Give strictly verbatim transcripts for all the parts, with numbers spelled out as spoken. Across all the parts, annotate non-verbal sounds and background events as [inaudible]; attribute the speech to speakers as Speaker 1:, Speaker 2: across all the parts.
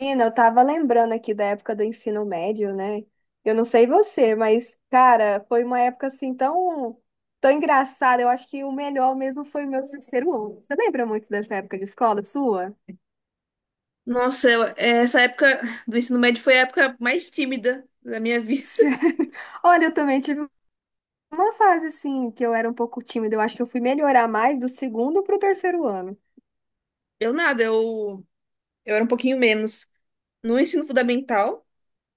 Speaker 1: Menina, eu tava lembrando aqui da época do ensino médio, né? Eu não sei você, mas, cara, foi uma época assim tão, tão engraçada. Eu acho que o melhor mesmo foi o meu terceiro ano. Você lembra muito dessa época de escola sua? [laughs]
Speaker 2: Nossa, eu- essa época do ensino médio foi a época mais tímida da minha vida.
Speaker 1: Sério? Olha, eu também tive uma fase assim que eu era um pouco tímida. Eu acho que eu fui melhorar mais do segundo pro terceiro ano.
Speaker 2: [laughs] Eu nada, eu, eu era um pouquinho menos no ensino fundamental,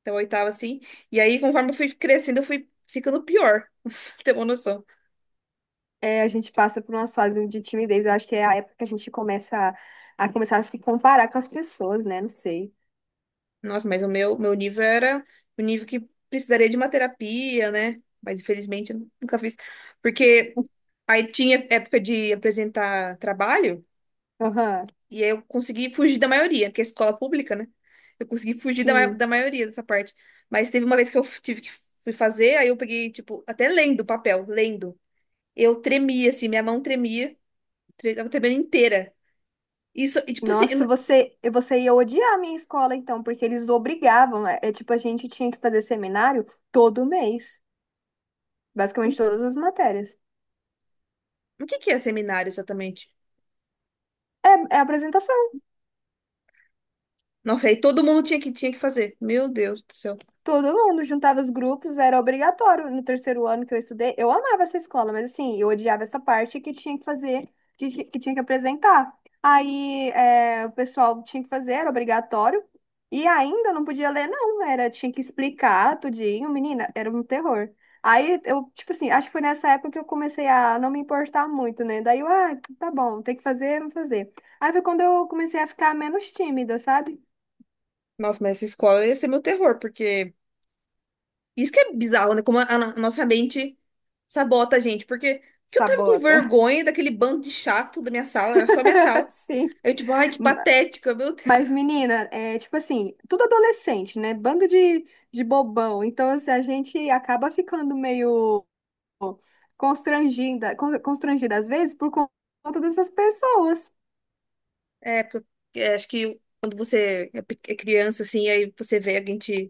Speaker 2: até o oitavo assim, e aí conforme eu fui crescendo, eu fui ficando pior, [laughs] pra você ter uma noção.
Speaker 1: É, a gente passa por umas fases de timidez. Eu acho que é a época que a gente começa a, a começar a se comparar com as pessoas, né? Não sei.
Speaker 2: Nossa, mas o meu, meu nível era o nível que precisaria de uma terapia, né? Mas infelizmente eu nunca fiz, porque aí tinha época de apresentar trabalho.
Speaker 1: Aham,
Speaker 2: E aí eu consegui fugir da maioria, porque é escola pública, né? Eu consegui fugir da, ma-
Speaker 1: sim.
Speaker 2: da maioria dessa parte. Mas teve uma vez que eu f- tive que fui fazer, aí eu peguei, tipo, até lendo o papel, lendo. Eu tremia, assim, minha mão tremia, tre- tava tremendo inteira. Isso, e tipo assim,
Speaker 1: Nossa,
Speaker 2: n-
Speaker 1: você, você ia odiar a minha escola, então, porque eles obrigavam. É, é tipo, a gente tinha que fazer seminário todo mês, basicamente todas as matérias.
Speaker 2: o que que é seminário exatamente?
Speaker 1: É, é apresentação.
Speaker 2: Nossa, aí todo mundo tinha que, tinha que fazer. Meu Deus do céu.
Speaker 1: Todo mundo juntava os grupos, era obrigatório. No terceiro ano que eu estudei, eu amava essa escola, mas assim, eu odiava essa parte que tinha que fazer, que, que tinha que apresentar. Aí, é, o pessoal tinha que fazer, era obrigatório, e ainda não podia ler, não, era, tinha que explicar tudinho, menina, era um terror. Aí, eu, tipo assim, acho que foi nessa época que eu comecei a não me importar muito, né? Daí eu, ah, tá bom, tem que fazer, vamos fazer. Aí foi quando eu comecei a ficar menos tímida, sabe?
Speaker 2: Nossa, mas essa escola ia ser meu terror, porque... Isso que é bizarro, né? Como a, a no- a nossa mente sabota a gente, porque... Que eu tava com
Speaker 1: Sabota.
Speaker 2: vergonha daquele bando de chato da minha sala, era só minha sala.
Speaker 1: [laughs] Sim.
Speaker 2: Aí eu, tipo, ai, que patética, meu Deus.
Speaker 1: Mas, menina, é tipo assim, tudo adolescente, né? Bando de, de bobão. Então, assim, a gente acaba ficando meio constrangida, con- constrangida às vezes por con- conta dessas pessoas.
Speaker 2: É, porque eu- é, acho que quando você é pe- é criança, assim, aí você vê alguém te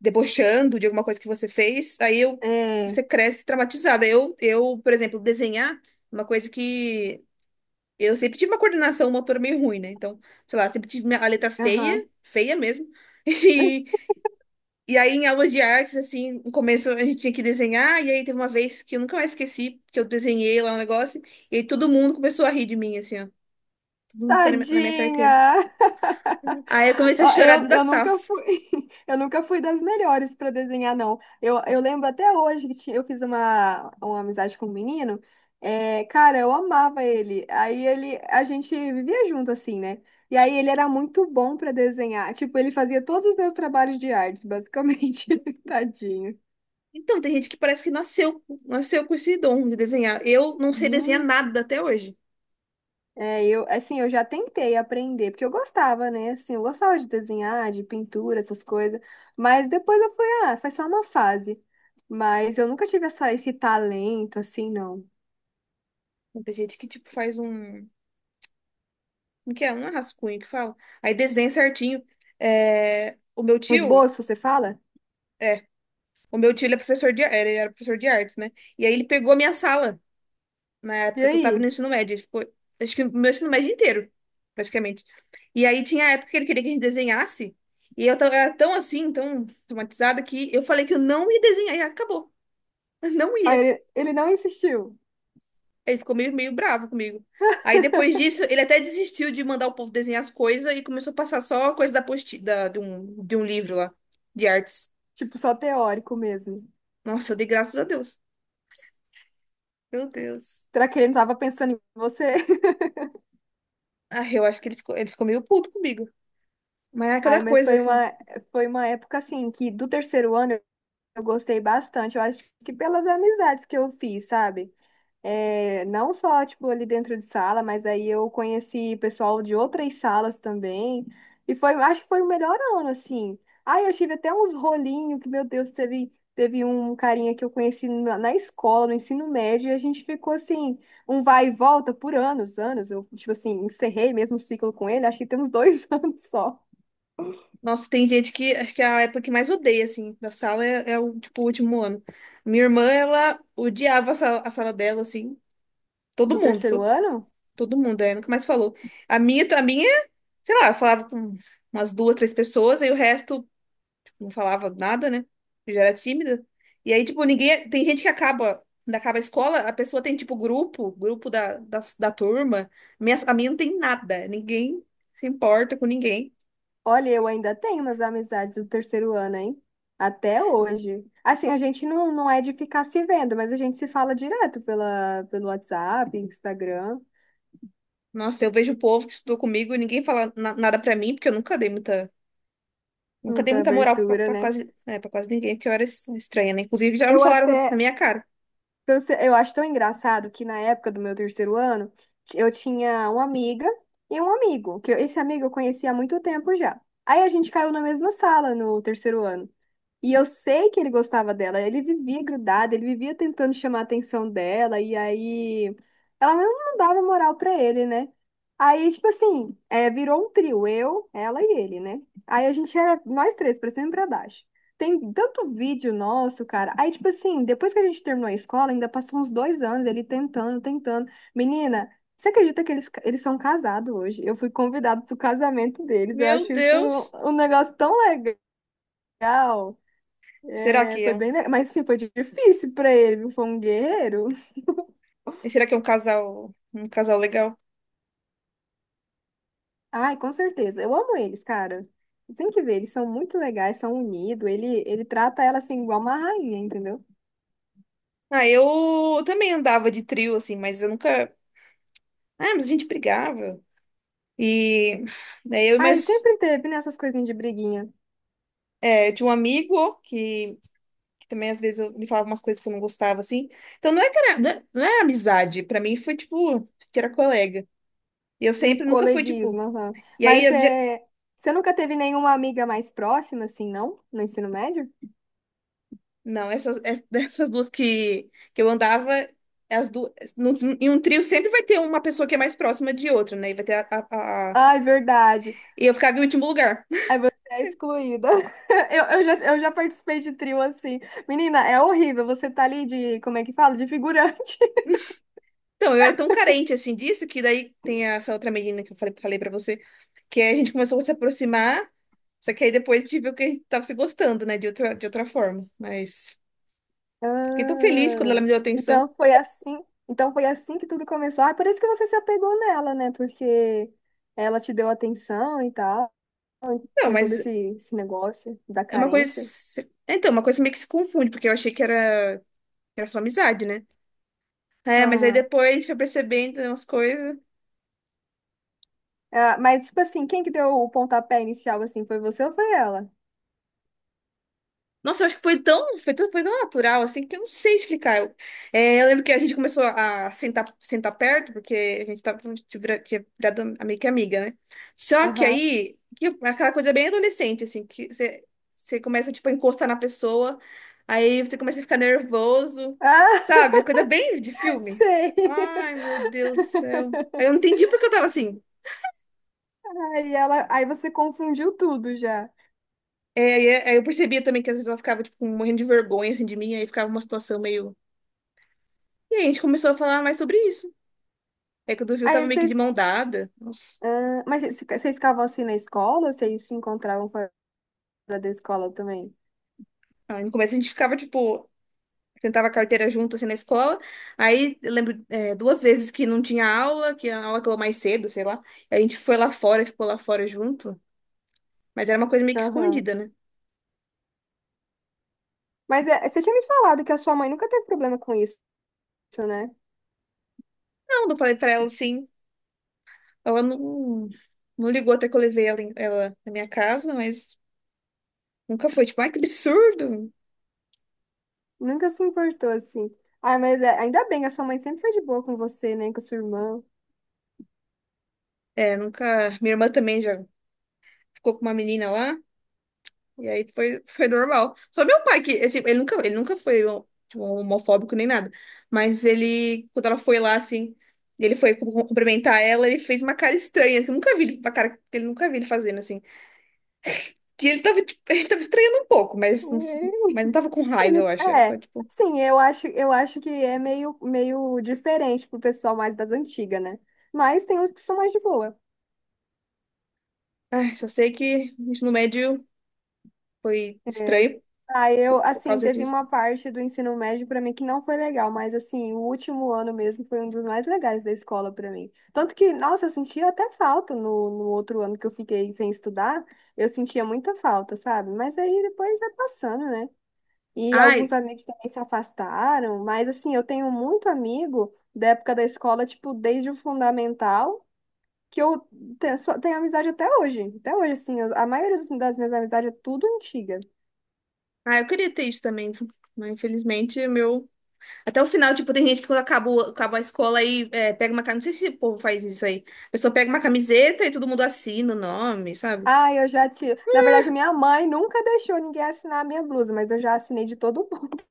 Speaker 2: debochando de alguma coisa que você fez, aí eu,
Speaker 1: É,
Speaker 2: você cresce traumatizada. Eu, eu, por exemplo, desenhar, é uma coisa que eu sempre tive uma coordenação motora meio ruim, né? Então, sei lá, sempre tive minha- a letra feia,
Speaker 1: aham.
Speaker 2: feia mesmo. [laughs] E, e aí, em aulas de artes, assim, no começo a gente tinha que desenhar, e aí teve uma vez que eu nunca mais esqueci, que eu desenhei lá um negócio, e aí todo mundo começou a rir de mim, assim, ó. Todo mundo foi na minha carteira.
Speaker 1: Tadinha!
Speaker 2: Aí
Speaker 1: [laughs]
Speaker 2: eu comecei a
Speaker 1: Ah,
Speaker 2: chorar
Speaker 1: Eu,
Speaker 2: dentro da
Speaker 1: eu
Speaker 2: sala.
Speaker 1: nunca fui, [laughs] eu nunca fui das melhores para desenhar, não. Eu, eu lembro até hoje que ti- eu fiz uma, uma amizade com um menino. É, cara, eu amava ele. Aí ele, a gente vivia junto assim, né? E aí ele era muito bom para desenhar. Tipo, ele fazia todos os meus trabalhos de artes, basicamente. [laughs] Tadinho.
Speaker 2: Então, tem gente que parece que nasceu, nasceu com esse dom de desenhar. Eu não sei desenhar nada até hoje.
Speaker 1: É, eu, assim, eu já tentei aprender, porque eu gostava, né? Assim, eu gostava de desenhar, de pintura, essas coisas. Mas depois eu fui, ah, foi só uma fase. Mas eu nunca tive essa, esse talento, assim, não.
Speaker 2: Então, tem gente que, tipo, faz um... Como que é? Um rascunho que fala. Aí desenha certinho. É, o meu
Speaker 1: Um
Speaker 2: tio...
Speaker 1: esboço, você fala?
Speaker 2: O meu tio, ele é professor de... Ele era professor de artes, né? E aí ele pegou a minha sala na
Speaker 1: E
Speaker 2: época que eu tava no
Speaker 1: aí?
Speaker 2: ensino médio. Ele ficou, acho que no meu ensino médio inteiro, praticamente. E aí tinha a época que ele queria que a gente desenhasse, e eu tava, era tão assim, tão traumatizada, que eu falei que eu não ia desenhar, e acabou. [laughs] Eu não
Speaker 1: Aí
Speaker 2: ia.
Speaker 1: ele, ele não insistiu.
Speaker 2: Ele ficou meio, meio bravo comigo. Aí depois disso, ele até desistiu de mandar o povo desenhar as coisas e começou a passar só coisa da posti da, de um, de um livro lá, de artes.
Speaker 1: Tipo, só teórico mesmo.
Speaker 2: Nossa, eu dei graças a Deus. Meu Deus.
Speaker 1: Será que ele não tava pensando em você? [laughs]
Speaker 2: Ah, eu acho que ele ficou, ele ficou meio puto comigo. Mas é
Speaker 1: Ai,
Speaker 2: cada
Speaker 1: mas
Speaker 2: coisa
Speaker 1: foi
Speaker 2: que eu...
Speaker 1: uma, foi uma época, assim, que do terceiro ano eu gostei bastante. Eu acho que pelas amizades que eu fiz, sabe? É, não só, tipo, ali dentro de sala, mas aí eu conheci pessoal de outras salas também. E foi, acho que foi o melhor ano, assim. Ai, eu tive até uns rolinhos que, meu Deus, teve, teve um carinha que eu conheci na, na escola, no ensino médio, e a gente ficou assim, um vai e volta por anos, anos. Eu, tipo assim, encerrei mesmo o ciclo com ele, acho que tem uns dois [laughs] anos só
Speaker 2: Nossa, tem gente que acho que é a época que mais odeia, assim, da sala é, é o, tipo, o último ano. Minha irmã, ela odiava a sala, a sala dela, assim, todo
Speaker 1: do
Speaker 2: mundo,
Speaker 1: terceiro
Speaker 2: to-
Speaker 1: ano.
Speaker 2: todo mundo, aí nunca mais falou. A minha, a minha, sei lá, eu falava com umas duas, três pessoas, aí o resto, tipo, não falava nada, né? Eu já era tímida. E aí, tipo, ninguém, tem gente que acaba, quando acaba a escola, a pessoa tem, tipo, grupo, grupo da, da, da turma. Minha, a minha não tem nada, ninguém se importa com ninguém.
Speaker 1: Olha, eu ainda tenho umas amizades do terceiro ano, hein? Até hoje. Assim, a gente não, não é de ficar se vendo, mas a gente se fala direto pela, pelo WhatsApp, Instagram,
Speaker 2: Nossa, eu vejo o povo que estudou comigo e ninguém fala na- nada pra mim, porque eu nunca dei muita, nunca dei
Speaker 1: muita
Speaker 2: muita moral pra,
Speaker 1: abertura,
Speaker 2: pra
Speaker 1: né?
Speaker 2: quase, né, pra quase ninguém, porque eu era es- estranha, né? Inclusive, já me
Speaker 1: Eu
Speaker 2: falaram na
Speaker 1: até,
Speaker 2: minha cara.
Speaker 1: Pra você- Eu acho tão engraçado que na época do meu terceiro ano, ti- eu tinha uma amiga e um amigo, que eu- esse amigo eu conhecia há muito tempo já. Aí a gente caiu na mesma sala no terceiro ano. E eu sei que ele gostava dela, ele vivia grudado, ele vivia tentando chamar a atenção dela, e aí ela não, não dava moral pra ele, né? Aí, tipo assim, é, virou um trio, eu, ela e ele, né? Aí a gente era nós três, pra cima e pra baixo. Tem tanto vídeo nosso, cara. Aí, tipo assim, depois que a gente terminou a escola, ainda passou uns dois anos ele tentando, tentando. Menina, você acredita que eles, eles são casados hoje? Eu fui convidado pro casamento deles. Eu
Speaker 2: Meu
Speaker 1: acho isso
Speaker 2: Deus.
Speaker 1: um negócio tão legal.
Speaker 2: Será
Speaker 1: É,
Speaker 2: que
Speaker 1: foi
Speaker 2: é um,
Speaker 1: bem, le- mas sim, foi difícil pra ele, viu? Foi um guerreiro. [laughs]
Speaker 2: será que é um casal, um casal legal?
Speaker 1: Ai, com certeza. Eu amo eles, cara. Tem que ver, eles são muito legais, são unidos. Ele, ele trata ela assim, igual uma rainha, entendeu?
Speaker 2: Ah, eu também andava de trio, assim, mas eu nunca. Ah, mas a gente brigava. E daí eu,
Speaker 1: Ai,
Speaker 2: mas
Speaker 1: sempre teve, né, essas coisinhas de briguinha.
Speaker 2: é, tinha um amigo que, que também às vezes eu, ele falava umas coisas que eu não gostava, assim. Então não é que era, não é- não era amizade, pra mim foi tipo, que era colega. E eu
Speaker 1: Um
Speaker 2: sempre nunca fui,
Speaker 1: coleguismo.
Speaker 2: tipo.
Speaker 1: Aham.
Speaker 2: E aí,
Speaker 1: Mas
Speaker 2: as, ge-
Speaker 1: é, você nunca teve nenhuma amiga mais próxima, assim, não? No ensino médio?
Speaker 2: não, essas, es- [laughs] dessas duas que, que eu andava, as duas. Num- num- em um trio sempre vai ter uma pessoa que é mais próxima de outra, né? E vai ter a, a- a-
Speaker 1: Ai, verdade.
Speaker 2: e eu ficava em último lugar. [laughs]
Speaker 1: Aí você é excluída. [laughs] Eu, eu já, eu já participei de trio assim. Menina, é horrível. Você tá ali de, como é que fala? De figurante. [laughs]
Speaker 2: Então, eu era tão carente assim disso que daí tem essa outra menina que eu falei, falei pra você, que a gente começou a se aproximar, só que aí depois a gente viu que a gente tava se gostando, né? De outra, de outra forma. Mas fiquei tão feliz quando ela
Speaker 1: Ah,
Speaker 2: me deu atenção.
Speaker 1: então foi assim. Então foi assim que tudo começou. Ah, é por isso que você se apegou nela, né? Porque ela te deu atenção e tal.
Speaker 2: Não,
Speaker 1: Tinha todo
Speaker 2: mas
Speaker 1: esse, esse negócio da
Speaker 2: é uma coisa.
Speaker 1: carência.
Speaker 2: Então, uma coisa meio que se confunde, porque eu achei que era. Era só amizade, né? É, mas aí depois foi percebendo umas coisas.
Speaker 1: Ah, mas, tipo assim, quem que deu o pontapé inicial, assim, foi você ou foi ela?
Speaker 2: Nossa, eu acho que foi tão, foi tão, foi tão natural, assim, que eu não sei explicar. Eu, é, eu lembro que a gente começou a sentar, sentar perto, porque a gente tava, a vira- tinha virado amiga que amiga, né? Só que
Speaker 1: Aham.
Speaker 2: aí, que aquela coisa bem adolescente, assim, que você você começa, tipo, a encostar na pessoa, aí você começa a ficar nervoso,
Speaker 1: Ah,
Speaker 2: sabe? Coisa bem de
Speaker 1: [laughs]
Speaker 2: filme.
Speaker 1: sei.
Speaker 2: Ai, meu Deus do céu. Aí eu não entendi porque eu tava assim.
Speaker 1: Aí ela, aí você confundiu tudo já.
Speaker 2: É, e é- aí eu percebia também que às vezes ela ficava, tipo, morrendo de vergonha, assim, de mim, aí ficava uma situação meio... E aí a gente começou a falar mais sobre isso. É que o do Viu tava
Speaker 1: Aí
Speaker 2: meio que de
Speaker 1: vocês,
Speaker 2: mão dada. Nossa.
Speaker 1: ah, mas vocês fica- vocês ficavam assim na escola ou vocês se encontravam fora da escola também?
Speaker 2: Aí no começo a gente ficava, tipo, tentava a carteira junto, assim, na escola. Aí eu lembro, é, duas vezes que não tinha aula, que a aula acabou mais cedo, sei lá. Aí a gente foi lá fora, ficou lá fora junto. Mas era uma coisa meio que
Speaker 1: Aham.
Speaker 2: escondida, né?
Speaker 1: Mas é, você tinha me falado que a sua mãe nunca teve problema com isso, né?
Speaker 2: Não, não falei pra ela, assim. Ela não, não ligou até que eu levei ela, em- ela na minha casa, mas nunca foi, tipo, ai, que absurdo.
Speaker 1: Nunca se importou assim. Ah, mas é- ainda bem, a sua mãe sempre foi de boa com você, né? Com a sua irmã.
Speaker 2: É, nunca. Minha irmã também já ficou com uma menina lá, e aí foi, foi normal. Só meu pai, que é, tipo, ele nunca, ele nunca foi um, tipo, um homofóbico nem nada. Mas ele, quando ela foi lá, assim, ele foi cum- cumprimentar ela, ele fez uma cara estranha, que eu nunca vi ele, uma cara que ele nunca vi ele fazendo, assim. Que ele tava, tipo, [laughs] ele tava estranhando um pouco, mas não, mas não
Speaker 1: [laughs]
Speaker 2: tava com raiva, eu
Speaker 1: Ele-
Speaker 2: acho. Era
Speaker 1: É,
Speaker 2: só, tipo,
Speaker 1: sim, eu acho, eu acho que é meio, meio diferente pro pessoal mais das antigas, né? Mas tem uns que são mais de boa.
Speaker 2: ai, só sei que o ensino médio foi
Speaker 1: É.
Speaker 2: estranho
Speaker 1: Ah, eu,
Speaker 2: por
Speaker 1: assim,
Speaker 2: causa
Speaker 1: teve
Speaker 2: disso.
Speaker 1: uma parte do ensino médio pra mim que não foi legal, mas, assim, o último ano mesmo foi um dos mais legais da escola pra mim. Tanto que, nossa, eu sentia até falta no, no outro ano que eu fiquei sem estudar, eu sentia muita falta, sabe? Mas aí depois vai passando, né? E alguns
Speaker 2: Ai,
Speaker 1: amigos também se afastaram, mas assim, eu tenho muito amigo da época da escola, tipo, desde o fundamental, que eu te- só tenho amizade até hoje. Até hoje, assim, eu- a maioria dos- das minhas amizades é tudo antiga.
Speaker 2: ai, eu queria ter isso também, mas infelizmente o meu. Até o final, tipo, tem gente que quando acaba, o- acaba a escola aí é, pega uma... ca- Não sei se o povo faz isso aí. A pessoa pega uma camiseta e todo mundo assina o nome, sabe?
Speaker 1: Ah, eu já te. Na verdade, minha mãe nunca deixou ninguém assinar a minha blusa, mas eu já assinei de todo mundo. [laughs]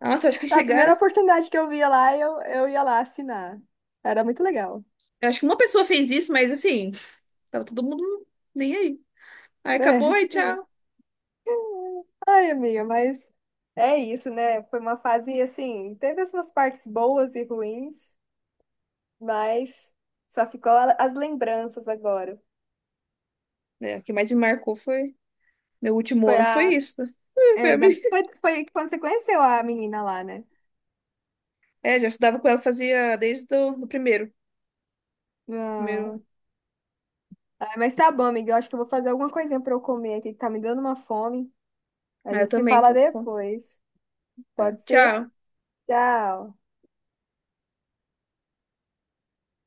Speaker 2: Nossa, acho que
Speaker 1: A primeira
Speaker 2: chegaram...
Speaker 1: oportunidade que eu via lá, eu, eu ia lá assinar. Era muito legal.
Speaker 2: Eu acho que uma pessoa fez isso, mas assim, tava todo mundo nem aí. Aí acabou,
Speaker 1: É, [laughs]
Speaker 2: aí
Speaker 1: tipo isso.
Speaker 2: tchau.
Speaker 1: Ai, amiga, mas é isso, né? Foi uma fase assim, teve as suas partes boas e ruins, mas só ficou a- as lembranças agora.
Speaker 2: É, o que mais me marcou foi... Meu último
Speaker 1: Foi
Speaker 2: ano foi
Speaker 1: a.
Speaker 2: isso, né? [laughs] Foi
Speaker 1: É,
Speaker 2: a
Speaker 1: da,
Speaker 2: minha-
Speaker 1: foi, foi quando você conheceu a menina lá, né?
Speaker 2: É, já estudava com ela, fazia desde o do primeiro.
Speaker 1: Não.
Speaker 2: Primeiro...
Speaker 1: Ah, mas tá bom, amiga. Eu acho que eu vou fazer alguma coisinha pra eu comer aqui, que tá me dando uma fome. A
Speaker 2: Mas eu
Speaker 1: gente se
Speaker 2: também
Speaker 1: fala
Speaker 2: tô... com-
Speaker 1: depois.
Speaker 2: Tá.
Speaker 1: Pode ser?
Speaker 2: Tchau.
Speaker 1: Tchau.